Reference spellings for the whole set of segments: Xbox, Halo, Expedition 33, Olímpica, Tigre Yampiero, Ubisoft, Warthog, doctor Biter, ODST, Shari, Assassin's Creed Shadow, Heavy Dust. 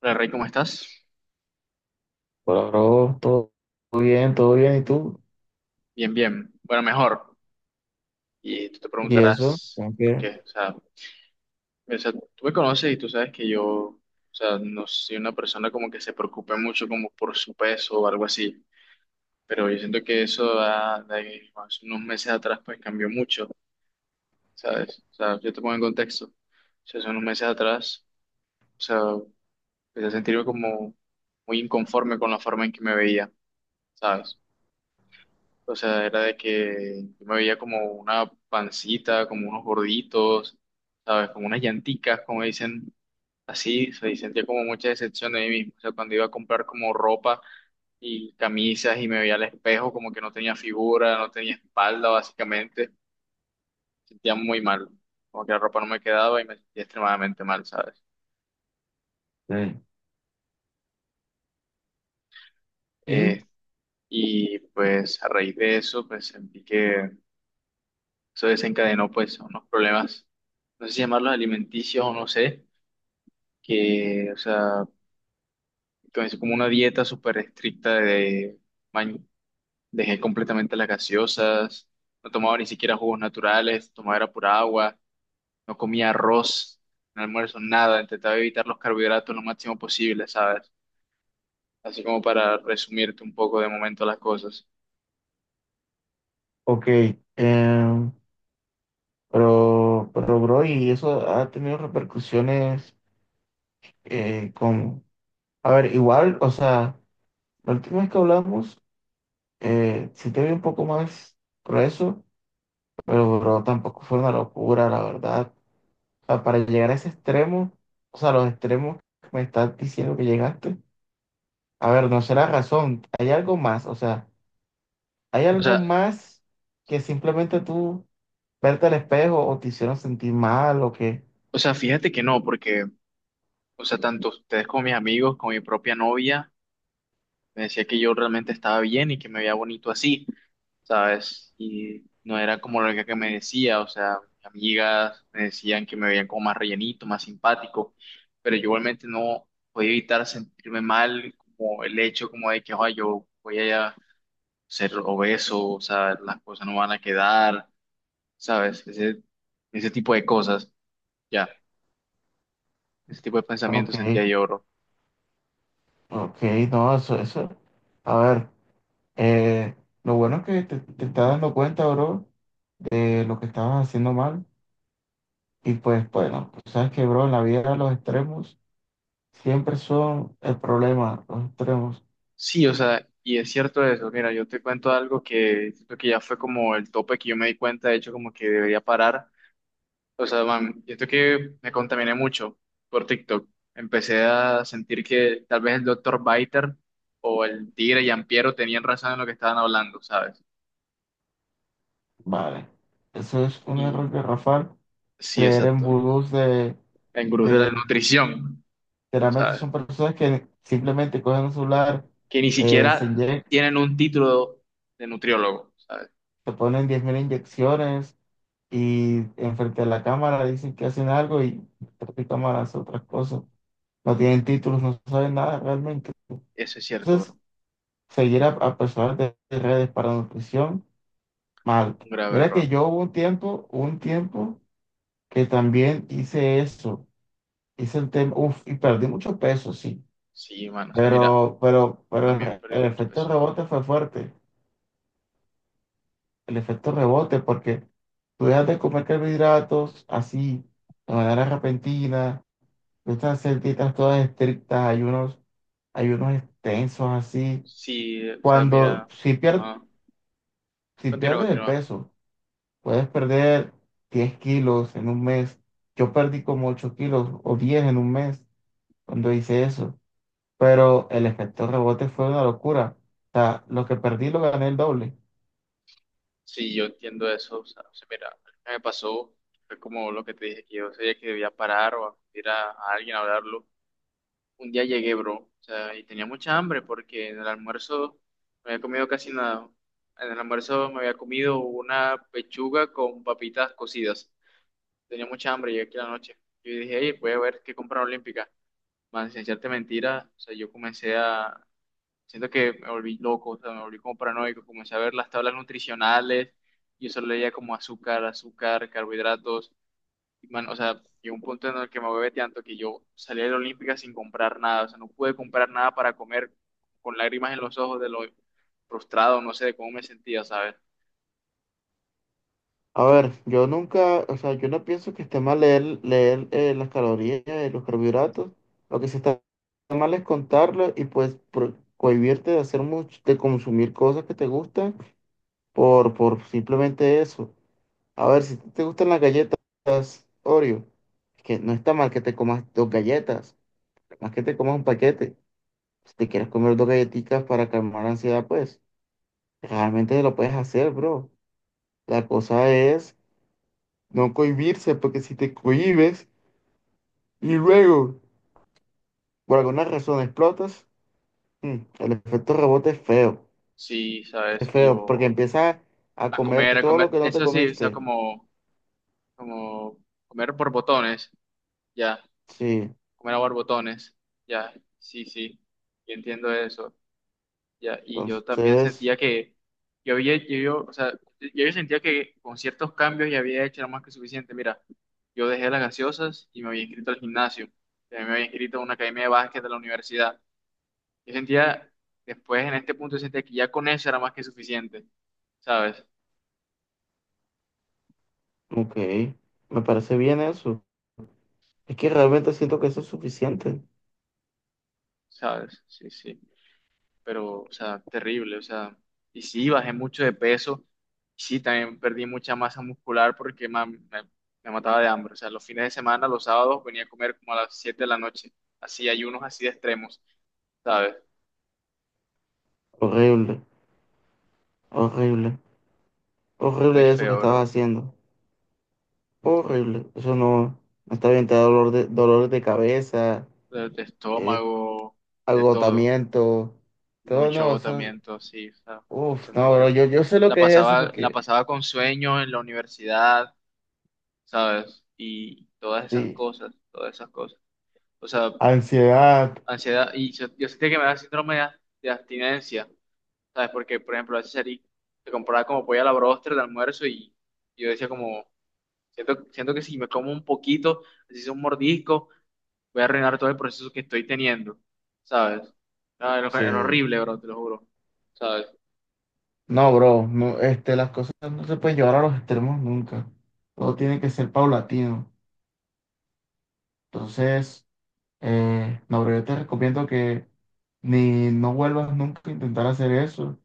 Hola Rey, ¿cómo estás? Hola, bro, todo bien, todo bien, ¿y tú? Bien, bien. Bueno, mejor. Y tú te ¿Y eso? preguntarás ¿Cómo por que? qué. O sea, tú me conoces y tú sabes que yo, o sea, no soy una persona como que se preocupe mucho como por su peso o algo así. Pero yo siento que eso de hace unos meses atrás pues cambió mucho, ¿sabes? O sea, yo te pongo en contexto. O sea, hace unos meses atrás, o sea, empecé a sentirme como muy inconforme con la forma en que me veía, ¿sabes? O sea, era de que yo me veía como una pancita, como unos gorditos, ¿sabes? Como unas llanticas, como dicen así. O sea, y sentía como mucha decepción de mí mismo. O sea, cuando iba a comprar como ropa y camisas y me veía al espejo, como que no tenía figura, no tenía espalda, básicamente. Sentía muy mal. Como que la ropa no me quedaba y me sentía extremadamente mal, ¿sabes? Sí. ¿Y? Eh, y pues a raíz de eso, pues sentí que eso desencadenó pues unos problemas, no sé si llamarlos alimenticios o no sé que, o sea, es como una dieta súper estricta de, man- dejé completamente las gaseosas, no tomaba ni siquiera jugos naturales, tomaba era pura agua, no comía arroz, no almuerzo, nada, intentaba evitar los carbohidratos lo máximo posible, ¿sabes? Así como para resumirte un poco de momento las cosas. Ok, em, pero, bro, ¿y eso ha tenido repercusiones con... A ver, igual, o sea, la última vez que hablamos, sí te vi un poco más grueso, pero, bro, tampoco fue una locura, la verdad. O sea, para llegar a ese extremo, o sea, los extremos que me estás diciendo que llegaste, a ver, no será razón, hay algo más, o sea... ¿Hay O algo sea, más que simplemente tú verte al espejo o te hicieron sentir mal o qué? o sea, fíjate que no, porque, o sea, tanto ustedes como mis amigos, como mi propia novia, me decía que yo realmente estaba bien y que me veía bonito así, ¿sabes? Y no era como lo que me decía, o sea, mis amigas me decían que me veían como más rellenito, más simpático, pero yo igualmente no podía evitar sentirme mal, como el hecho como de que, "Ay, yo voy a ser obeso, o sea, las cosas no van a quedar, ¿sabes? Ese tipo de cosas, ya, ese tipo de Ok, pensamientos sentía yo, bro. ok, no, eso, a ver, eh, lo bueno es que te estás dando cuenta, bro, de lo que estabas haciendo mal. Y pues bueno, tú sabes que, bro, en la vida los extremos siempre son el problema, los extremos. Sí, o sea, y es cierto eso. Mira, yo te cuento algo que siento que ya fue como el tope que yo me di cuenta, de hecho, como que debería parar. O sea, man, siento que me contaminé mucho por TikTok. Empecé a sentir que tal vez el doctor Biter o el Tigre Yampiero tenían razón en lo que estaban hablando, ¿sabes? Vale, eso es un error Y garrafal, sí, creer en exacto. vudús de... En gurús de la nutrición, Generalmente ¿sabes? son personas que simplemente cogen un celular, Que ni se siquiera inyectan, tienen un título de nutriólogo, ¿sabes? se ponen 10,000 inyecciones y enfrente de la cámara dicen que hacen algo y detrás de cámara hacen otras cosas. No tienen títulos, no saben nada realmente. Eso es cierto, Entonces, bro. seguir a personas de redes para nutrición, mal. Un grave Mira que error. yo hubo un tiempo que también hice eso. Hice el tema, uf, y perdí mucho peso, sí. Sí, mano. O sea, mira. Pero, pero, Yo pero el, también perdí el mucho efecto peso. rebote fue fuerte. El efecto rebote, porque tú dejas de comer carbohidratos así, de manera repentina, tú estás a hacer dietas todas estrictas, ayunos, ayunos extensos así. Sí, o sea, Cuando, mira, ajá. si Continúa, pierdes el continúa. peso, puedes perder 10 kilos en 1 mes. Yo perdí como 8 kilos o 10 en 1 mes cuando hice eso, pero el efecto rebote fue una locura. O sea, lo que perdí lo gané el doble. Sí, yo entiendo eso. O sea, mira, lo que me pasó fue como lo que te dije, que yo sabía que debía parar o acudir a alguien a hablarlo. Un día llegué, bro, o sea, y tenía mucha hambre porque en el almuerzo me había comido casi nada. En el almuerzo me había comido una pechuga con papitas cocidas. Tenía mucha hambre, llegué aquí a la noche. Yo dije, hey, voy a ver qué compra Olímpica. Man, sin echarte mentira, o sea, yo comencé a. Siento que me volví loco, o sea, me volví como paranoico, comencé a ver las tablas nutricionales, y eso solo leía como azúcar, azúcar, carbohidratos, y man, o sea, llegó un punto en el que me bebé tanto que yo salí de la Olímpica sin comprar nada, o sea, no pude comprar nada para comer con lágrimas en los ojos de lo frustrado, no sé, de cómo me sentía, ¿sabes? A ver, yo nunca, o sea, yo no pienso que esté mal leer, leer las calorías y los carbohidratos. Lo que sí está mal es contarlo y pues cohibirte de hacer mucho, de consumir cosas que te gustan por simplemente eso. A ver, si te gustan las galletas Oreo, que no está mal que te comas dos galletas, más que te comas un paquete. Si te quieres comer dos galletitas para calmar la ansiedad, pues realmente lo puedes hacer, bro. La cosa es no cohibirse, porque si te cohibes y luego por alguna razón explotas, el efecto rebote es feo. Sí, Es ¿sabes? Y feo, porque yo empiezas a comer a todo lo comer, que no te eso sí, o sea, comiste. como, como comer por botones, ya, Sí, comer a borbotones, ya, sí, sí, yo entiendo eso. Ya, y yo también entonces, sentía que yo había, yo, yo sentía que con ciertos cambios ya había hecho era más que suficiente. Mira, yo dejé las gaseosas y me había inscrito al gimnasio, también me había inscrito a una academia de básquet de la universidad. Yo sentía, después en este punto, yo sentía que ya con eso era más que suficiente, ¿sabes? ok, me parece bien eso. Es que realmente siento que eso es suficiente. ¿Sabes? Sí, sí. Pero, o sea, terrible, o sea, y sí, bajé mucho de peso, y sí, también perdí mucha masa muscular porque me mataba de hambre, o sea, los fines de semana, los sábados, venía a comer como a las 7 de la noche, así, ayunos así de extremos, ¿sabes? Horrible, horrible, Muy horrible eso que feo, estabas bro, haciendo. Horrible, eso no, no está bien, te da dolor de, dolores de cabeza, de eh, estómago, de todo, agotamiento. Todo mucho no, eso, agotamiento, sí, o sea, uf, eso es no, muy bro, cierto. yo sé lo que es eso La porque, pasaba con sueño en la universidad, ¿sabes? Y todas esas sí, cosas, todas esas cosas. O sea, ansiedad, ansiedad, y yo sentía que me daba síndrome de abstinencia, ¿sabes? Porque, por ejemplo, a veces salí, me compraba como pollo a la bróster de almuerzo y yo decía como, siento, siento que si me como un poquito, así sea un mordisco, voy a arruinar todo el proceso que estoy teniendo, ¿sabes? Era sí. horrible, bro, te lo juro, ¿sabes? No, bro, no, este, las cosas no se pueden llevar a los extremos nunca. Todo tiene que ser paulatino. Entonces, no, bro, yo te recomiendo que ni no vuelvas nunca a intentar hacer eso.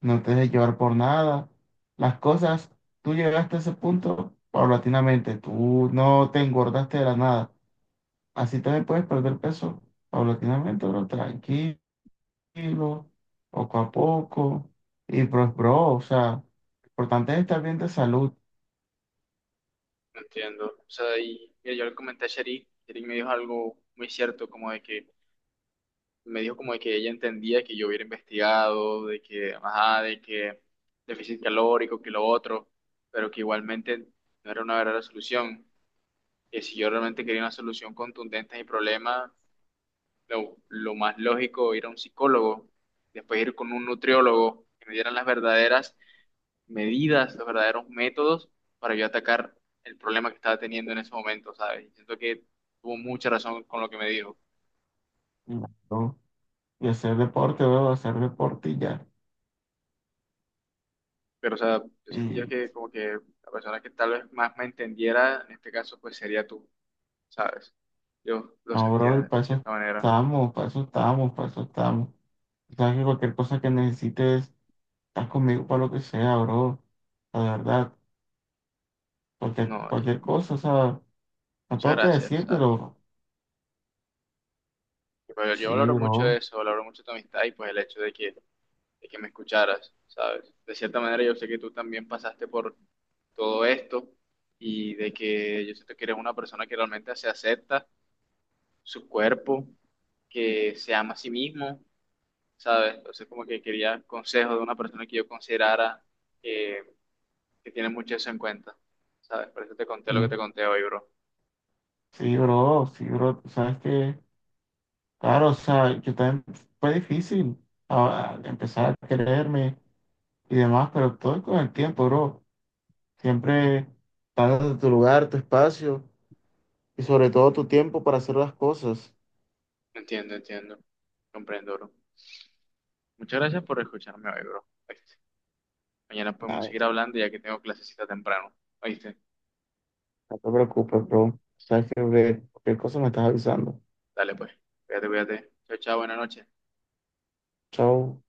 No te dejes llevar por nada. Las cosas, tú llegaste a ese punto paulatinamente. Tú no te engordaste de la nada. Así también puedes perder peso paulatinamente, bro, tranquilo tranquilo, poco a poco. Y pues, bro, o sea, lo importante es estar bien de salud, No entiendo. O sea, y yo le comenté a Shari, Shari me dijo algo muy cierto, como de que me dijo como de que ella entendía que yo hubiera investigado, de que, ajá, de que déficit calórico, que lo otro, pero que igualmente no era una verdadera solución. Que si yo realmente quería una solución contundente a mi problema, lo más lógico ir a un psicólogo, después ir con un nutriólogo, que me dieran las verdaderas medidas, los verdaderos métodos para yo atacar el problema que estaba teniendo en ese momento, ¿sabes? Y siento que tuvo mucha razón con lo que me dijo. y ¿no? Y hacer deporte, bro, hacer deporte y ya. Pero, o sea, yo sentía Y que como que la persona que tal vez más me entendiera, en este caso, pues sería tú, ¿sabes? Yo lo no, bro, y sentía para de eso cierta manera. estamos, para eso estamos, para eso estamos. O sea, que cualquier cosa que necesites, estás conmigo para lo que sea, bro. La verdad, cualquier, No, y cualquier cosa, o sea, no muchas tengo que gracias, ¿sabes? decírtelo. Pero yo Sí, valoro mucho bro. eso, valoro mucho tu amistad y pues el hecho de que me escucharas, ¿sabes? De cierta manera yo sé que tú también pasaste por todo esto y de que yo siento que eres una persona que realmente se acepta su cuerpo, que se ama a sí mismo, ¿sabes? Entonces, como que quería consejos de una persona que yo considerara eh, que tiene mucho eso en cuenta, ¿sabes? Por eso te conté lo que te Mm. conté hoy, bro. Sí, bro, sí, bro. Tú sabes que. Claro, o sea, yo también fue difícil empezar a quererme y demás, pero todo es con el tiempo, bro. Siempre dándote tu lugar, tu espacio y sobre todo tu tiempo para hacer las cosas. Entiendo, entiendo. Comprendo, bro. Muchas gracias por escucharme hoy, bro. ¿Oíste? Mañana Nada, podemos no seguir te hablando ya que tengo clasecita temprano. ¿Oíste? no preocupes, bro. Sabes que cualquier cosa me estás avisando. Dale, pues. Cuídate, cuídate. Chao, chao, buena noche. Chao.